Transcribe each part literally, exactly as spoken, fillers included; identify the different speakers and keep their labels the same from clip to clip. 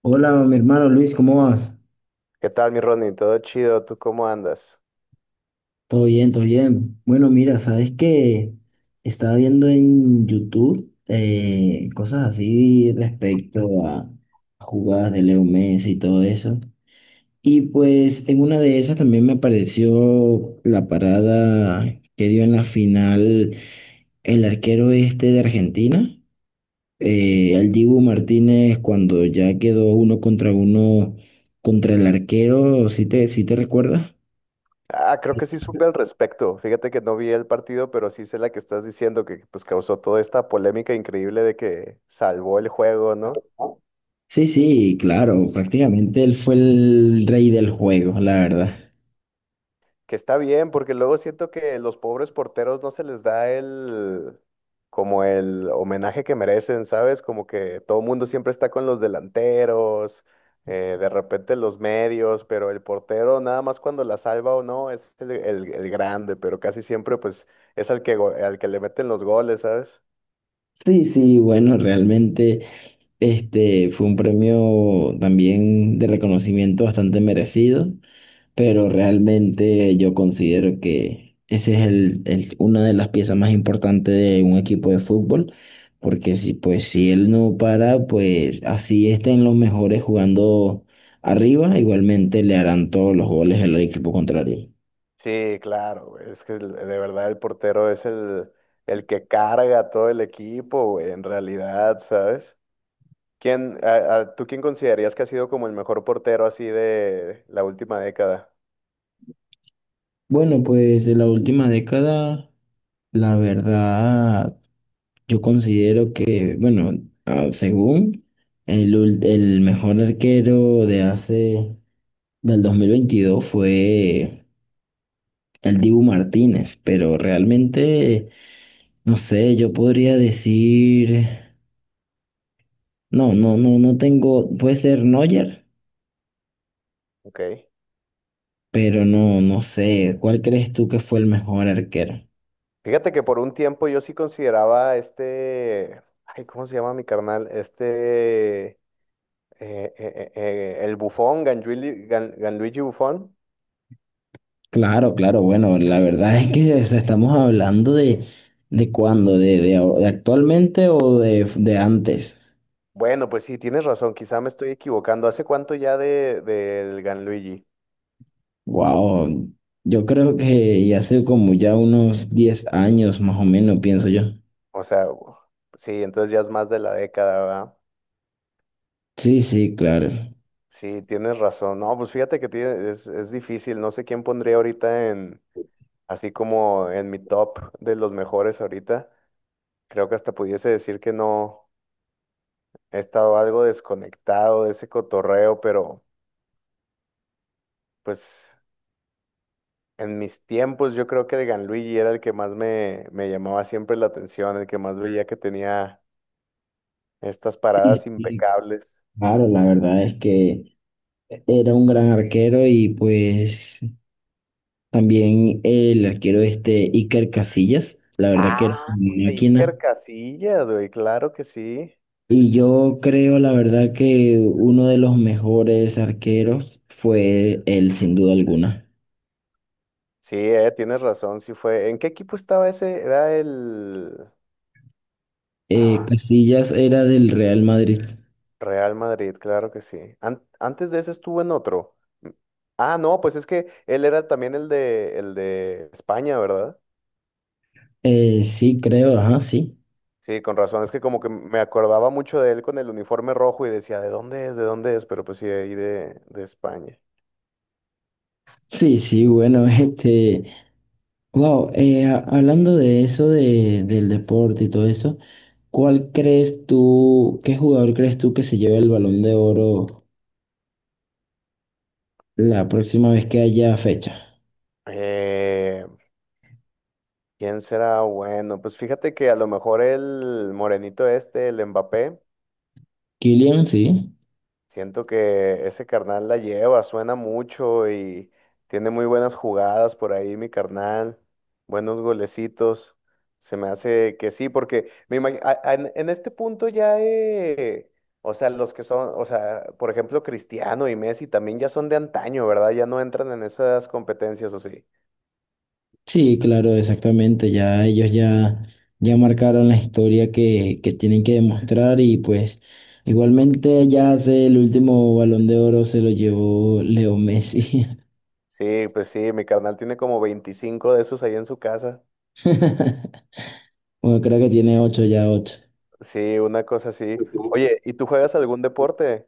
Speaker 1: Hola, mi hermano Luis, ¿cómo vas?
Speaker 2: ¿Qué tal, mi Ronnie? ¿Todo chido? ¿Tú cómo andas?
Speaker 1: Todo bien, todo bien. Bueno, mira, sabes que estaba viendo en YouTube, eh, cosas así respecto a a jugadas de Leo Messi y todo eso. Y pues en una de esas también me apareció la parada que dio en la final el arquero este de Argentina, eh, el Dibu Martínez, cuando ya quedó uno contra uno contra el arquero, si te, si te recuerdas?
Speaker 2: Ah, creo que sí supe al respecto. Fíjate que no vi el partido, pero sí sé la que estás diciendo, que pues causó toda esta polémica increíble de que salvó el juego, ¿no?
Speaker 1: Sí, sí, claro, prácticamente él fue el rey del juego, la verdad.
Speaker 2: Que está bien, porque luego siento que los pobres porteros no se les da el, como el homenaje que merecen, ¿sabes? Como que todo el mundo siempre está con los delanteros, eh, de repente los medios, pero el portero nada más cuando la salva o no es el, el- el grande, pero casi siempre pues es al que, go- al que le meten los goles, ¿sabes?
Speaker 1: Sí, sí, bueno, realmente este fue un premio también de reconocimiento bastante merecido, pero realmente yo considero que ese es el, el- una de las piezas más importantes de un equipo de fútbol, porque si pues si él no para, pues así estén los mejores jugando arriba, igualmente le harán todos los goles al equipo contrario.
Speaker 2: Sí, claro, güey, es que el- de verdad el portero es el, el que carga a todo el equipo, güey, en realidad, ¿sabes? ¿Quién, a- a- tú quién considerarías que ha sido como el mejor portero así de la última década?
Speaker 1: Bueno, pues de la última década, la verdad, yo considero que, bueno, ah, según el, ul- el mejor arquero de hace, del dos mil veintidós fue el Dibu Martínez, pero realmente, no sé, yo podría decir, no, no, no, no tengo, puede ser Neuer,
Speaker 2: Ok.
Speaker 1: pero no, no sé, ¿cuál crees tú que fue el mejor arquero?
Speaker 2: Fíjate que por un tiempo yo sí consideraba a este, ay, ¿cómo se llama mi carnal? Este, eh, eh, eh, eh, el Bufón, Ganluigi, Gan- Ganluigi Bufón.
Speaker 1: Claro, claro, bueno, la verdad es que o sea, estamos hablando de, de cuándo, de, de, ahora- de actualmente o de, de antes.
Speaker 2: Bueno, pues sí, tienes razón, quizá me estoy equivocando. ¿Hace cuánto ya de, del Ganluigi?
Speaker 1: Wow, yo creo que ya hace como ya unos diez años más o menos, pienso yo.
Speaker 2: O sea, u- sí, entonces ya es más de la década, ¿verdad?
Speaker 1: Sí, sí, claro.
Speaker 2: Sí, tienes razón. No, pues fíjate que tiene- es, es difícil. No sé quién pondría ahorita así como en mi top de los mejores ahorita, creo que hasta pudiese decir que no he estado algo desconectado de ese cotorreo, pero pues en mis tiempos yo creo que de Ganluigi era el que más me, me llamaba siempre la atención, el que más veía que tenía estas
Speaker 1: Sí,
Speaker 2: paradas
Speaker 1: sí,
Speaker 2: impecables.
Speaker 1: claro, la verdad es que era un gran arquero y pues también el arquero este Iker Casillas, la verdad que era
Speaker 2: Ah,
Speaker 1: una
Speaker 2: Iker
Speaker 1: máquina.
Speaker 2: Casillas, güey, claro que sí.
Speaker 1: Y yo creo, la verdad, que uno de los mejores arqueros fue él, sin duda alguna.
Speaker 2: Sí, eh, tienes razón, sí fue. ¿En qué equipo estaba ese? Era el...
Speaker 1: Eh,
Speaker 2: Ah,
Speaker 1: Casillas era del Real Madrid.
Speaker 2: Real Madrid, claro que sí. An- antes de ese estuvo en otro. Mm. Ah, no, pues es que él era también el de, el de España, ¿verdad?
Speaker 1: Eh, sí, creo, ajá, sí.
Speaker 2: Sí, con razón. Es que como que me acordaba mucho de él con el uniforme rojo y decía, ¿de dónde es? ¿De dónde es? Pero pues sí, de ahí de, de España.
Speaker 1: Sí, sí, bueno, este, wow, eh, a- hablando de eso, de, del deporte y todo eso, ¿cuál crees tú, qué jugador crees tú que se lleve el Balón de Oro la próxima vez que haya fecha?
Speaker 2: Eh, ¿Quién será bueno? Pues fíjate que a lo mejor el morenito este, el Mbappé,
Speaker 1: Kylian, sí.
Speaker 2: siento que ese carnal la lleva, suena mucho y tiene muy buenas jugadas por ahí, mi carnal, buenos golecitos. Se me hace que sí, porque me imag- a- a- en en este punto ya, eh, o sea, los que son, o sea, por ejemplo, Cristiano y Messi también ya son de antaño, ¿verdad? Ya no entran en esas competencias, ¿o sí?
Speaker 1: Sí, claro, exactamente. Ya ellos ya, ya marcaron la historia que, que tienen que demostrar y pues igualmente ya hace el último Balón de Oro se lo llevó Leo Messi.
Speaker 2: Sí, pues sí, mi carnal tiene como veinticinco de esos ahí en su casa.
Speaker 1: Bueno, creo que tiene ocho ya ocho.
Speaker 2: Sí, una cosa así. Oye, ¿y tú juegas algún deporte?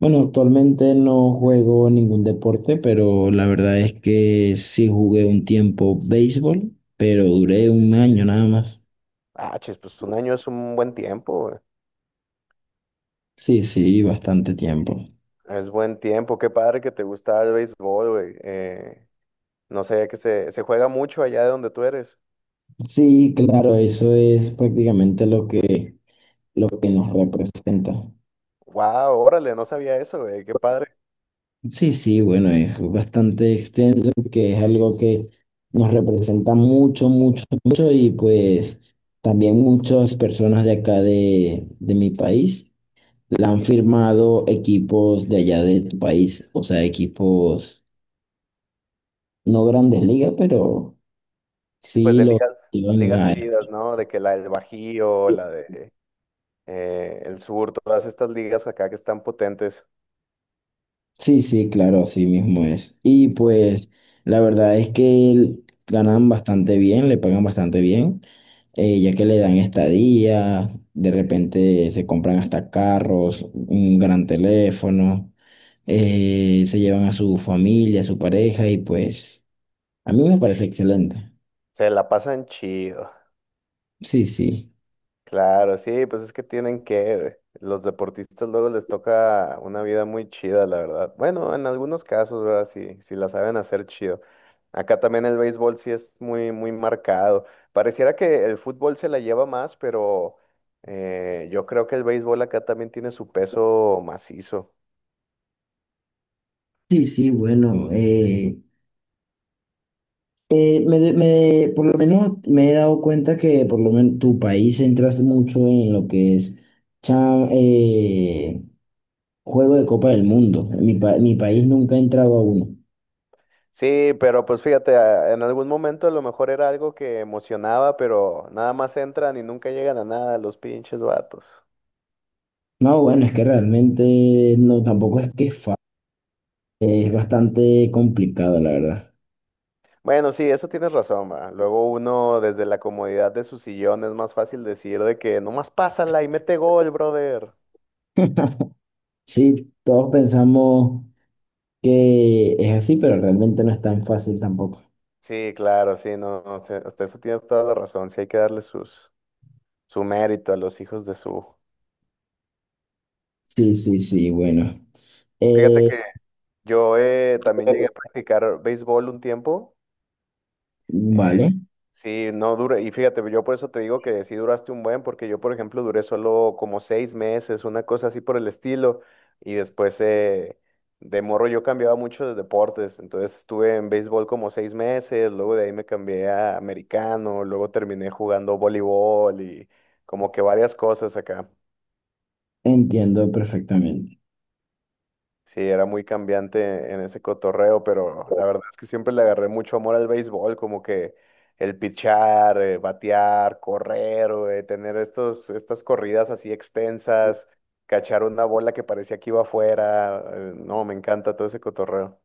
Speaker 1: Bueno, actualmente no juego ningún deporte, pero la verdad es que sí jugué un tiempo béisbol, pero duré un año nada más.
Speaker 2: Ah, chis, pues un año es un buen tiempo, güey.
Speaker 1: Sí, sí, bastante tiempo.
Speaker 2: Es buen tiempo. Qué padre que te gusta el béisbol, güey. Eh, no sabía que se, se juega mucho allá de donde tú eres.
Speaker 1: Sí, claro, eso es prácticamente lo que lo que nos representa.
Speaker 2: Wow, órale, no sabía eso, güey. Qué padre.
Speaker 1: Sí, sí, bueno, es bastante extenso porque es algo que nos representa mucho, mucho, mucho y pues también muchas personas de acá de, de mi país la han firmado equipos de allá de tu país, o sea, equipos no grandes ligas, pero
Speaker 2: Pues
Speaker 1: sí
Speaker 2: de
Speaker 1: lo
Speaker 2: ligas,
Speaker 1: llevan
Speaker 2: ligas
Speaker 1: a-
Speaker 2: chidas, ¿no? De que la del Bajío, la de eh, el Sur, todas estas ligas acá que están potentes,
Speaker 1: Sí, sí, claro, así mismo es. Y pues la verdad es que ganan bastante bien, le pagan bastante bien. Eh, ya que le dan estadía, de repente se compran hasta carros, un gran teléfono, eh, se llevan a su familia, a su pareja y pues a mí me parece excelente.
Speaker 2: se la pasan chido.
Speaker 1: Sí, sí.
Speaker 2: Claro, sí, pues es que tienen que, güey. Los deportistas luego les toca una vida muy chida, la verdad. Bueno, en algunos casos, ¿verdad? Sí, sí la saben hacer chido. Acá también el béisbol sí es muy, muy marcado. Pareciera que el fútbol se la lleva más, pero eh, yo creo que el béisbol acá también tiene su peso macizo.
Speaker 1: Sí, sí, bueno, eh, eh, me, de- me- por lo menos me he dado cuenta que por lo menos tu país se entras mucho en lo que es cha- eh, juego de Copa del Mundo. Mi, pa- mi país nunca ha entrado a uno.
Speaker 2: Sí, pero pues fíjate, a- en algún momento a lo mejor era algo que emocionaba, pero nada más entran y nunca llegan a nada los pinches vatos.
Speaker 1: No, bueno, es que realmente no, tampoco es que es fácil, es bastante complicado, la verdad.
Speaker 2: Bueno, sí, eso tienes razón, va. Luego uno desde la comodidad de su sillón es más fácil decir de que nomás pásala y mete gol, brother.
Speaker 1: Sí, todos pensamos que es así, pero realmente no es tan fácil tampoco.
Speaker 2: Sí, claro, sí, no, no, sí, hasta eso tienes toda la razón, sí hay que darle sus, su mérito a los hijos de su...
Speaker 1: Sí, sí, sí, bueno.
Speaker 2: Fíjate
Speaker 1: Eh,
Speaker 2: que yo eh, también llegué a practicar béisbol un tiempo,
Speaker 1: vale,
Speaker 2: sí, no dura, y fíjate, yo por eso te digo que sí duraste un buen, porque yo, por ejemplo, duré solo como seis meses, una cosa así por el estilo, y después eh, de morro yo cambiaba mucho de deportes, entonces estuve en béisbol como seis meses, luego de ahí me cambié a americano, luego terminé jugando voleibol y como que varias cosas acá.
Speaker 1: entiendo perfectamente.
Speaker 2: Sí, era muy cambiante en ese cotorreo, pero la verdad es que siempre le agarré mucho amor al béisbol, como que el pichar, eh, batear, correr, güey, tener estos, estas corridas así extensas, cachar una bola que parecía que iba afuera. Eh, no, me encanta todo ese cotorreo.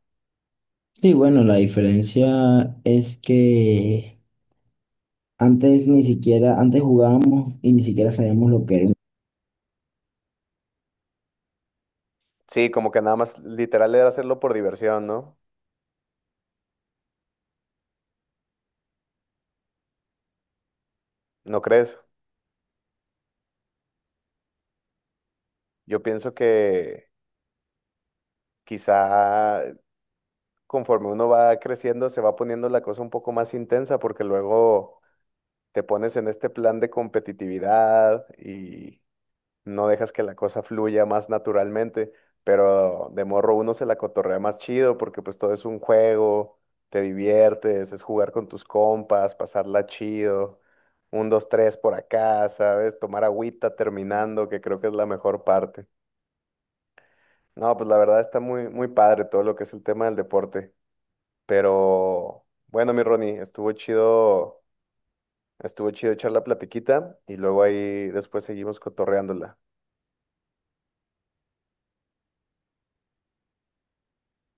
Speaker 1: Sí, bueno, la diferencia es que antes ni siquiera, antes jugábamos y ni siquiera sabíamos lo que era
Speaker 2: Sí, como que nada más literal era hacerlo por diversión, ¿no? ¿No crees? Yo pienso que quizá conforme uno va creciendo se va poniendo la cosa un poco más intensa porque luego te pones en este plan de competitividad y no dejas que la cosa fluya más naturalmente, pero de morro uno se la cotorrea más chido porque pues todo es un juego, te diviertes, es jugar con tus compas, pasarla chido, un, dos, tres por acá, ¿sabes? Tomar agüita terminando, que creo que es la mejor parte. No, pues la verdad está muy, muy padre todo lo que es el tema del deporte, pero bueno, mi Ronnie, estuvo chido. Estuvo chido echar la platiquita y luego ahí después seguimos cotorreándola.